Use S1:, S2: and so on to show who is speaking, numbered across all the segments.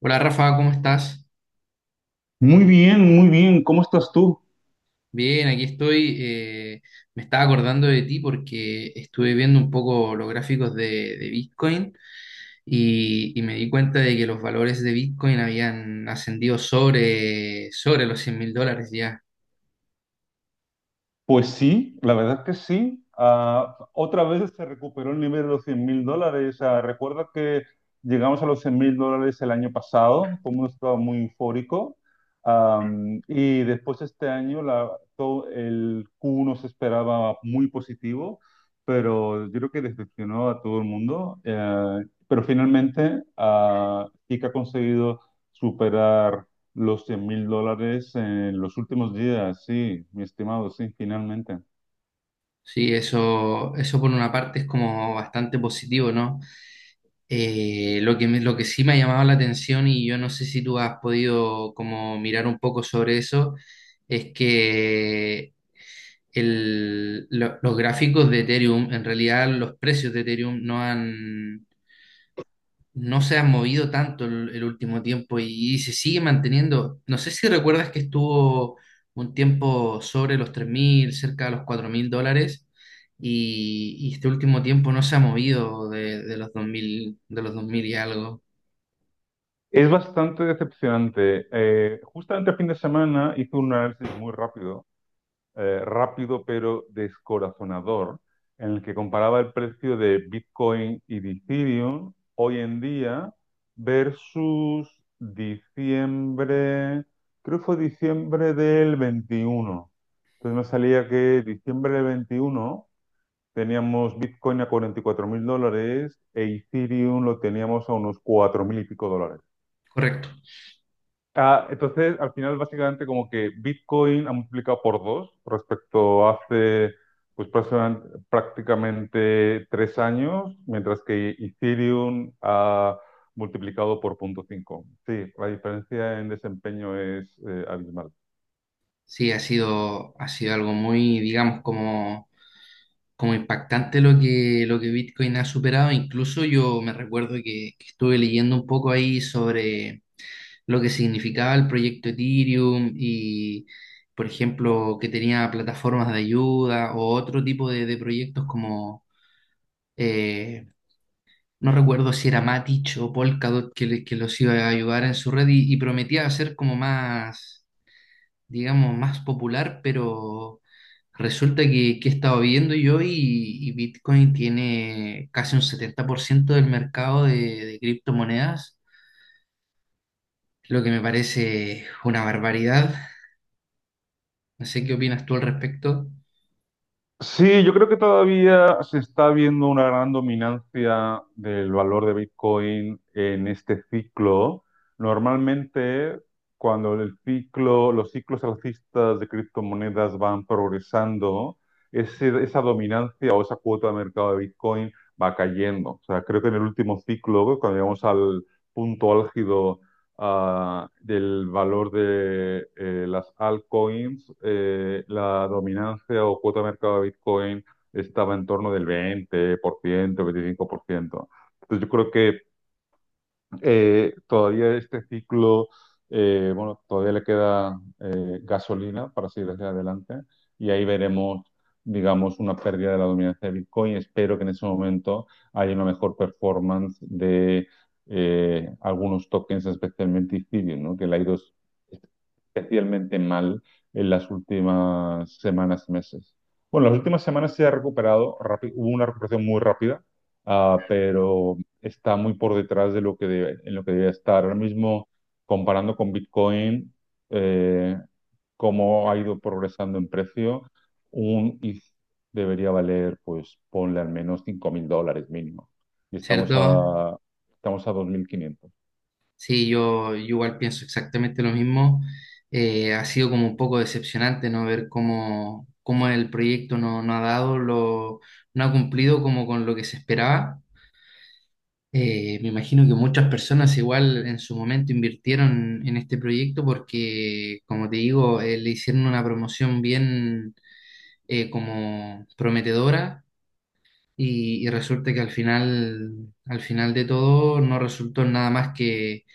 S1: Hola Rafa, ¿cómo estás?
S2: Muy bien, muy bien. ¿Cómo estás tú?
S1: Bien, aquí estoy. Me estaba acordando de ti porque estuve viendo un poco los gráficos de Bitcoin y me di cuenta de que los valores de Bitcoin habían ascendido sobre los $100.000 ya.
S2: Pues sí, la verdad que sí. Otra vez se recuperó el nivel de los $100.000. Recuerda que llegamos a los $100.000 el año pasado, como un estado muy eufórico. Y después este año todo el Q1 se esperaba muy positivo, pero yo creo que decepcionó a todo el mundo. Pero finalmente sí que ha conseguido superar los $100.000 en los últimos días, sí, mi estimado, sí, finalmente.
S1: Sí, eso por una parte es como bastante positivo, ¿no? Lo que sí me ha llamado la atención y yo no sé si tú has podido como mirar un poco sobre eso es que los gráficos de Ethereum, en realidad los precios de Ethereum no se han movido tanto el último tiempo y se sigue manteniendo. No sé si recuerdas que estuvo un tiempo sobre los 3.000, cerca de los $4.000 y este último tiempo no se ha movido de los 2.000, de los 2.000 y algo.
S2: Es bastante decepcionante. Justamente el fin de semana hice un análisis muy rápido, rápido pero descorazonador, en el que comparaba el precio de Bitcoin y de Ethereum hoy en día versus diciembre, creo que fue diciembre del 21. Entonces me salía que diciembre del 21 teníamos Bitcoin a 44 mil dólares e Ethereum lo teníamos a unos 4 mil y pico dólares.
S1: Correcto.
S2: Entonces, al final, básicamente, como que Bitcoin ha multiplicado por dos respecto a hace pues, prácticamente 3 años, mientras que Ethereum ha multiplicado por 0.5. Sí, la diferencia en desempeño es abismal.
S1: Sí, ha sido algo muy, digamos, como, como impactante lo que Bitcoin ha superado. Incluso yo me recuerdo que estuve leyendo un poco ahí sobre lo que significaba el proyecto Ethereum y, por ejemplo, que tenía plataformas de ayuda o otro tipo de proyectos como, eh, no recuerdo si era Matic o Polkadot que los iba a ayudar en su red y prometía hacer como más, digamos, más popular, pero resulta que he estado viendo yo y Bitcoin tiene casi un 70% del mercado de criptomonedas, lo que me parece una barbaridad. No sé qué opinas tú al respecto,
S2: Sí, yo creo que todavía se está viendo una gran dominancia del valor de Bitcoin en este ciclo. Normalmente, cuando el ciclo, los ciclos alcistas de criptomonedas van progresando, esa dominancia o esa cuota de mercado de Bitcoin va cayendo. O sea, creo que en el último ciclo, cuando llegamos al punto álgido del valor de las altcoins, la dominancia o cuota de mercado de Bitcoin estaba en torno del 20%, 25%. Entonces yo creo que todavía este ciclo, bueno, todavía le queda gasolina para seguir hacia adelante y ahí veremos, digamos, una pérdida de la dominancia de Bitcoin. Espero que en ese momento haya una mejor performance de algunos tokens, especialmente Ethereum, ¿no? Que le ha ido especialmente mal en las últimas semanas y meses. Bueno, las últimas semanas se ha recuperado, hubo una recuperación muy rápida, pero está muy por detrás de lo que debe, en lo que debe estar. Ahora mismo, comparando con Bitcoin, eh, cómo ha ido progresando en precio, un ETH debería valer, pues ponle al menos $5.000 mínimo. Y estamos
S1: ¿cierto?
S2: a, estamos a 2.500.
S1: Sí, yo igual pienso exactamente lo mismo. Ha sido como un poco decepcionante, ¿no? Ver cómo, cómo el proyecto no ha dado lo, no ha cumplido como con lo que se esperaba. Me imagino que muchas personas igual en su momento invirtieron en este proyecto porque, como te digo, le hicieron una promoción bien, como prometedora y resulta que al final de todo no resultó en nada más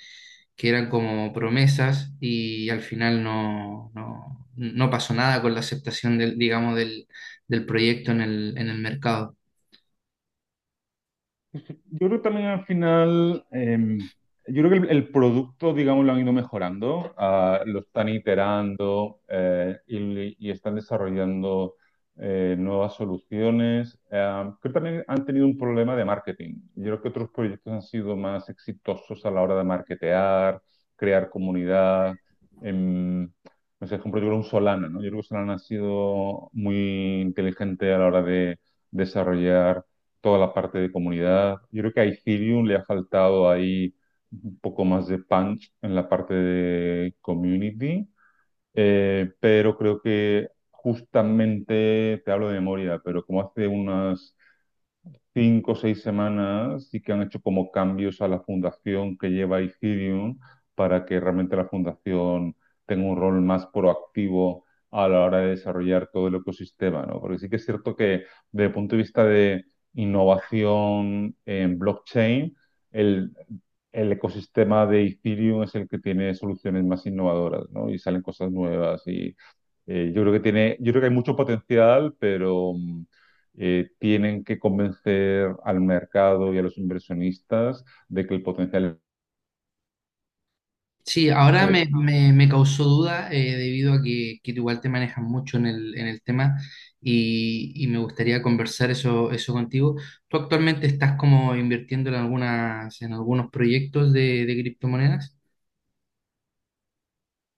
S1: que eran como promesas y al final no pasó nada con la aceptación del, digamos, del, del proyecto en el mercado.
S2: Yo creo que también al final, yo creo que el producto, digamos, lo han ido mejorando, lo están iterando y están desarrollando nuevas soluciones. Creo que también han tenido un problema de marketing. Yo creo que otros proyectos han sido más exitosos a la hora de marketear, crear comunidad. em, no sé, por ejemplo, yo creo un Solana, ¿no? Yo creo que Solana ha sido muy inteligente a la hora de desarrollar toda la parte de comunidad. Yo creo que a Ethereum le ha faltado ahí un poco más de punch en la parte de community, pero creo que justamente, te hablo de memoria, pero como hace unas 5 o 6 semanas sí que han hecho como cambios a la fundación que lleva Ethereum para que realmente la fundación tenga un rol más proactivo a la hora de desarrollar todo el ecosistema, ¿no? Porque sí que es cierto que desde el punto de vista de innovación en blockchain, el, el ecosistema de Ethereum es el que tiene soluciones más innovadoras, ¿no? Y salen cosas nuevas y yo creo que hay mucho potencial, pero tienen que convencer al mercado y a los inversionistas de que el potencial.
S1: Sí, ahora me causó duda, debido a que tú igual te manejas mucho en el tema y me gustaría conversar eso contigo. ¿Tú actualmente estás como invirtiendo en algunas, en algunos proyectos de criptomonedas?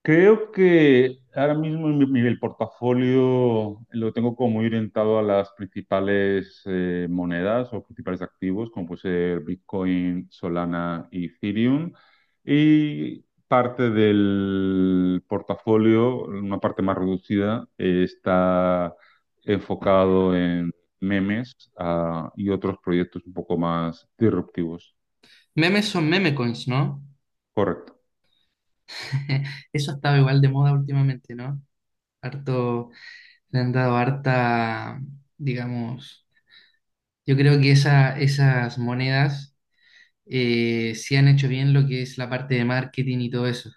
S2: Creo que ahora mismo el portafolio lo tengo como muy orientado a las principales monedas o principales activos, como puede ser Bitcoin, Solana y Ethereum. Y parte del portafolio, una parte más reducida, está enfocado en memes, y otros proyectos un poco más disruptivos.
S1: Memes son meme coins, ¿no?
S2: Correcto.
S1: Eso ha estado igual de moda últimamente, ¿no? Harto, le han dado harta, digamos, yo creo que esa, esas monedas, sí han hecho bien lo que es la parte de marketing y todo eso.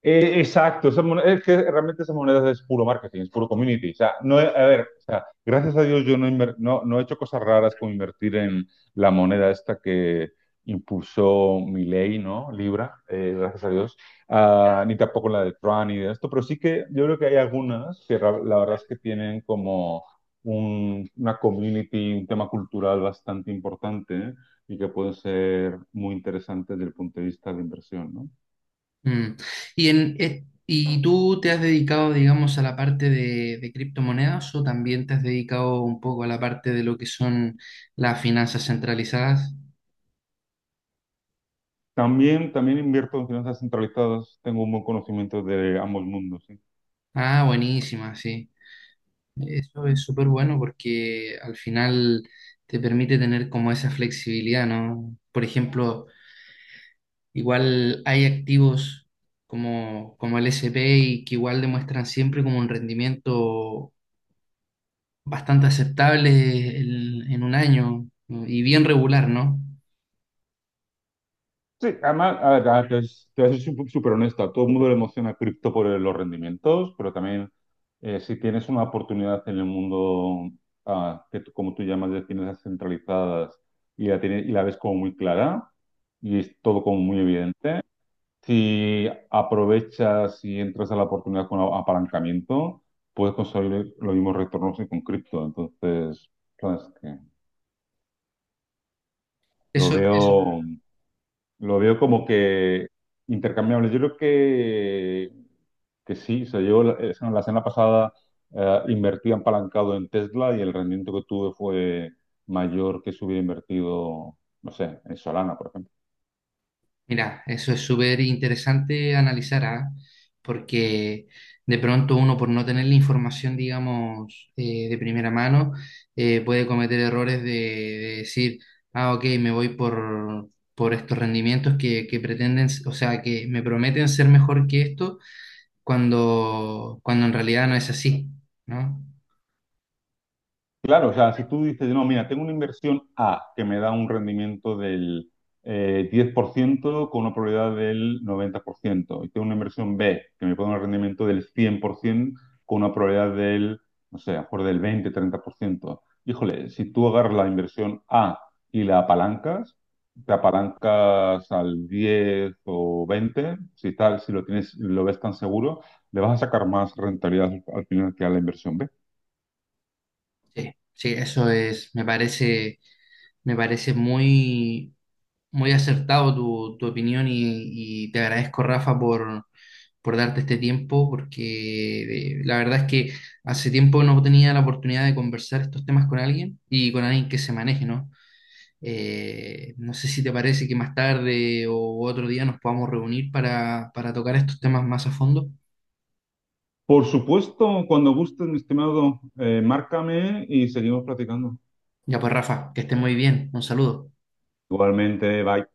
S2: Exacto, es que realmente esas monedas es puro marketing, es puro community. O sea, no, a ver, o sea, gracias a Dios yo no he hecho cosas raras como invertir en la moneda esta que impulsó Milei, ¿no? Libra, gracias a Dios. Ah, ni tampoco la de Tron ni de esto, pero sí que yo creo que hay algunas que la verdad es que tienen como una community, un tema cultural bastante importante, ¿eh? Y que pueden ser muy interesantes desde el punto de vista de inversión, ¿no?
S1: Mm. ¿Y, en, y tú te has dedicado, digamos, a la parte de criptomonedas o también te has dedicado un poco a la parte de lo que son las finanzas centralizadas?
S2: También invierto en finanzas centralizadas, tengo un buen conocimiento de ambos mundos, sí.
S1: Ah, buenísima, sí. Eso es súper bueno porque al final te permite tener como esa flexibilidad, ¿no? Por ejemplo, igual hay activos como, como el S&P y que igual demuestran siempre como un rendimiento bastante aceptable, el- en un año, ¿no? Y bien regular, ¿no?
S2: Sí, además, a ver, te voy súper honesta, a todo el mundo le emociona cripto por los rendimientos, pero también si tienes una oportunidad en el mundo, que como tú llamas, de finanzas centralizadas y la, tienes, y la ves como muy clara y es todo como muy evidente, si aprovechas y entras a la oportunidad con apalancamiento, puedes conseguir los mismos retornos que con cripto. Entonces, sabes que Lo
S1: Eso, eso,
S2: veo, lo veo como que intercambiable. Yo creo que sí. O sea, yo la semana pasada invertí apalancado en Tesla y el rendimiento que tuve fue mayor que si hubiera invertido, no sé, en Solana, por ejemplo.
S1: mira, eso es súper interesante analizar, ¿ah? Porque de pronto uno por no tener la información, digamos, de primera mano, puede cometer errores de decir, ah, ok, me voy por estos rendimientos que pretenden, o sea, que me prometen ser mejor que esto, cuando en realidad no es así, ¿no?
S2: Claro, o sea, si tú dices, no, mira, tengo una inversión A que me da un rendimiento del 10% con una probabilidad del 90%, y tengo una inversión B que me puede dar un rendimiento del 100% con una probabilidad del, no sé, a lo mejor del 20-30%. Híjole, si tú agarras la inversión A y la apalancas, te apalancas al 10 o 20, si tal, si lo tienes, lo ves tan seguro, le vas a sacar más rentabilidad al final que a la inversión B.
S1: Sí, sí, eso es, me parece Me parece muy, muy acertado tu opinión y te agradezco, Rafa, por darte este tiempo, porque la verdad es que hace tiempo no tenía la oportunidad de conversar estos temas con alguien y con alguien que se maneje, ¿no? No sé si te parece que más tarde o otro día nos podamos reunir para tocar estos temas más a fondo.
S2: Por supuesto, cuando gusten, mi estimado, márcame y seguimos platicando.
S1: Ya pues, Rafa, que estés muy bien. Un saludo.
S2: Igualmente, bye.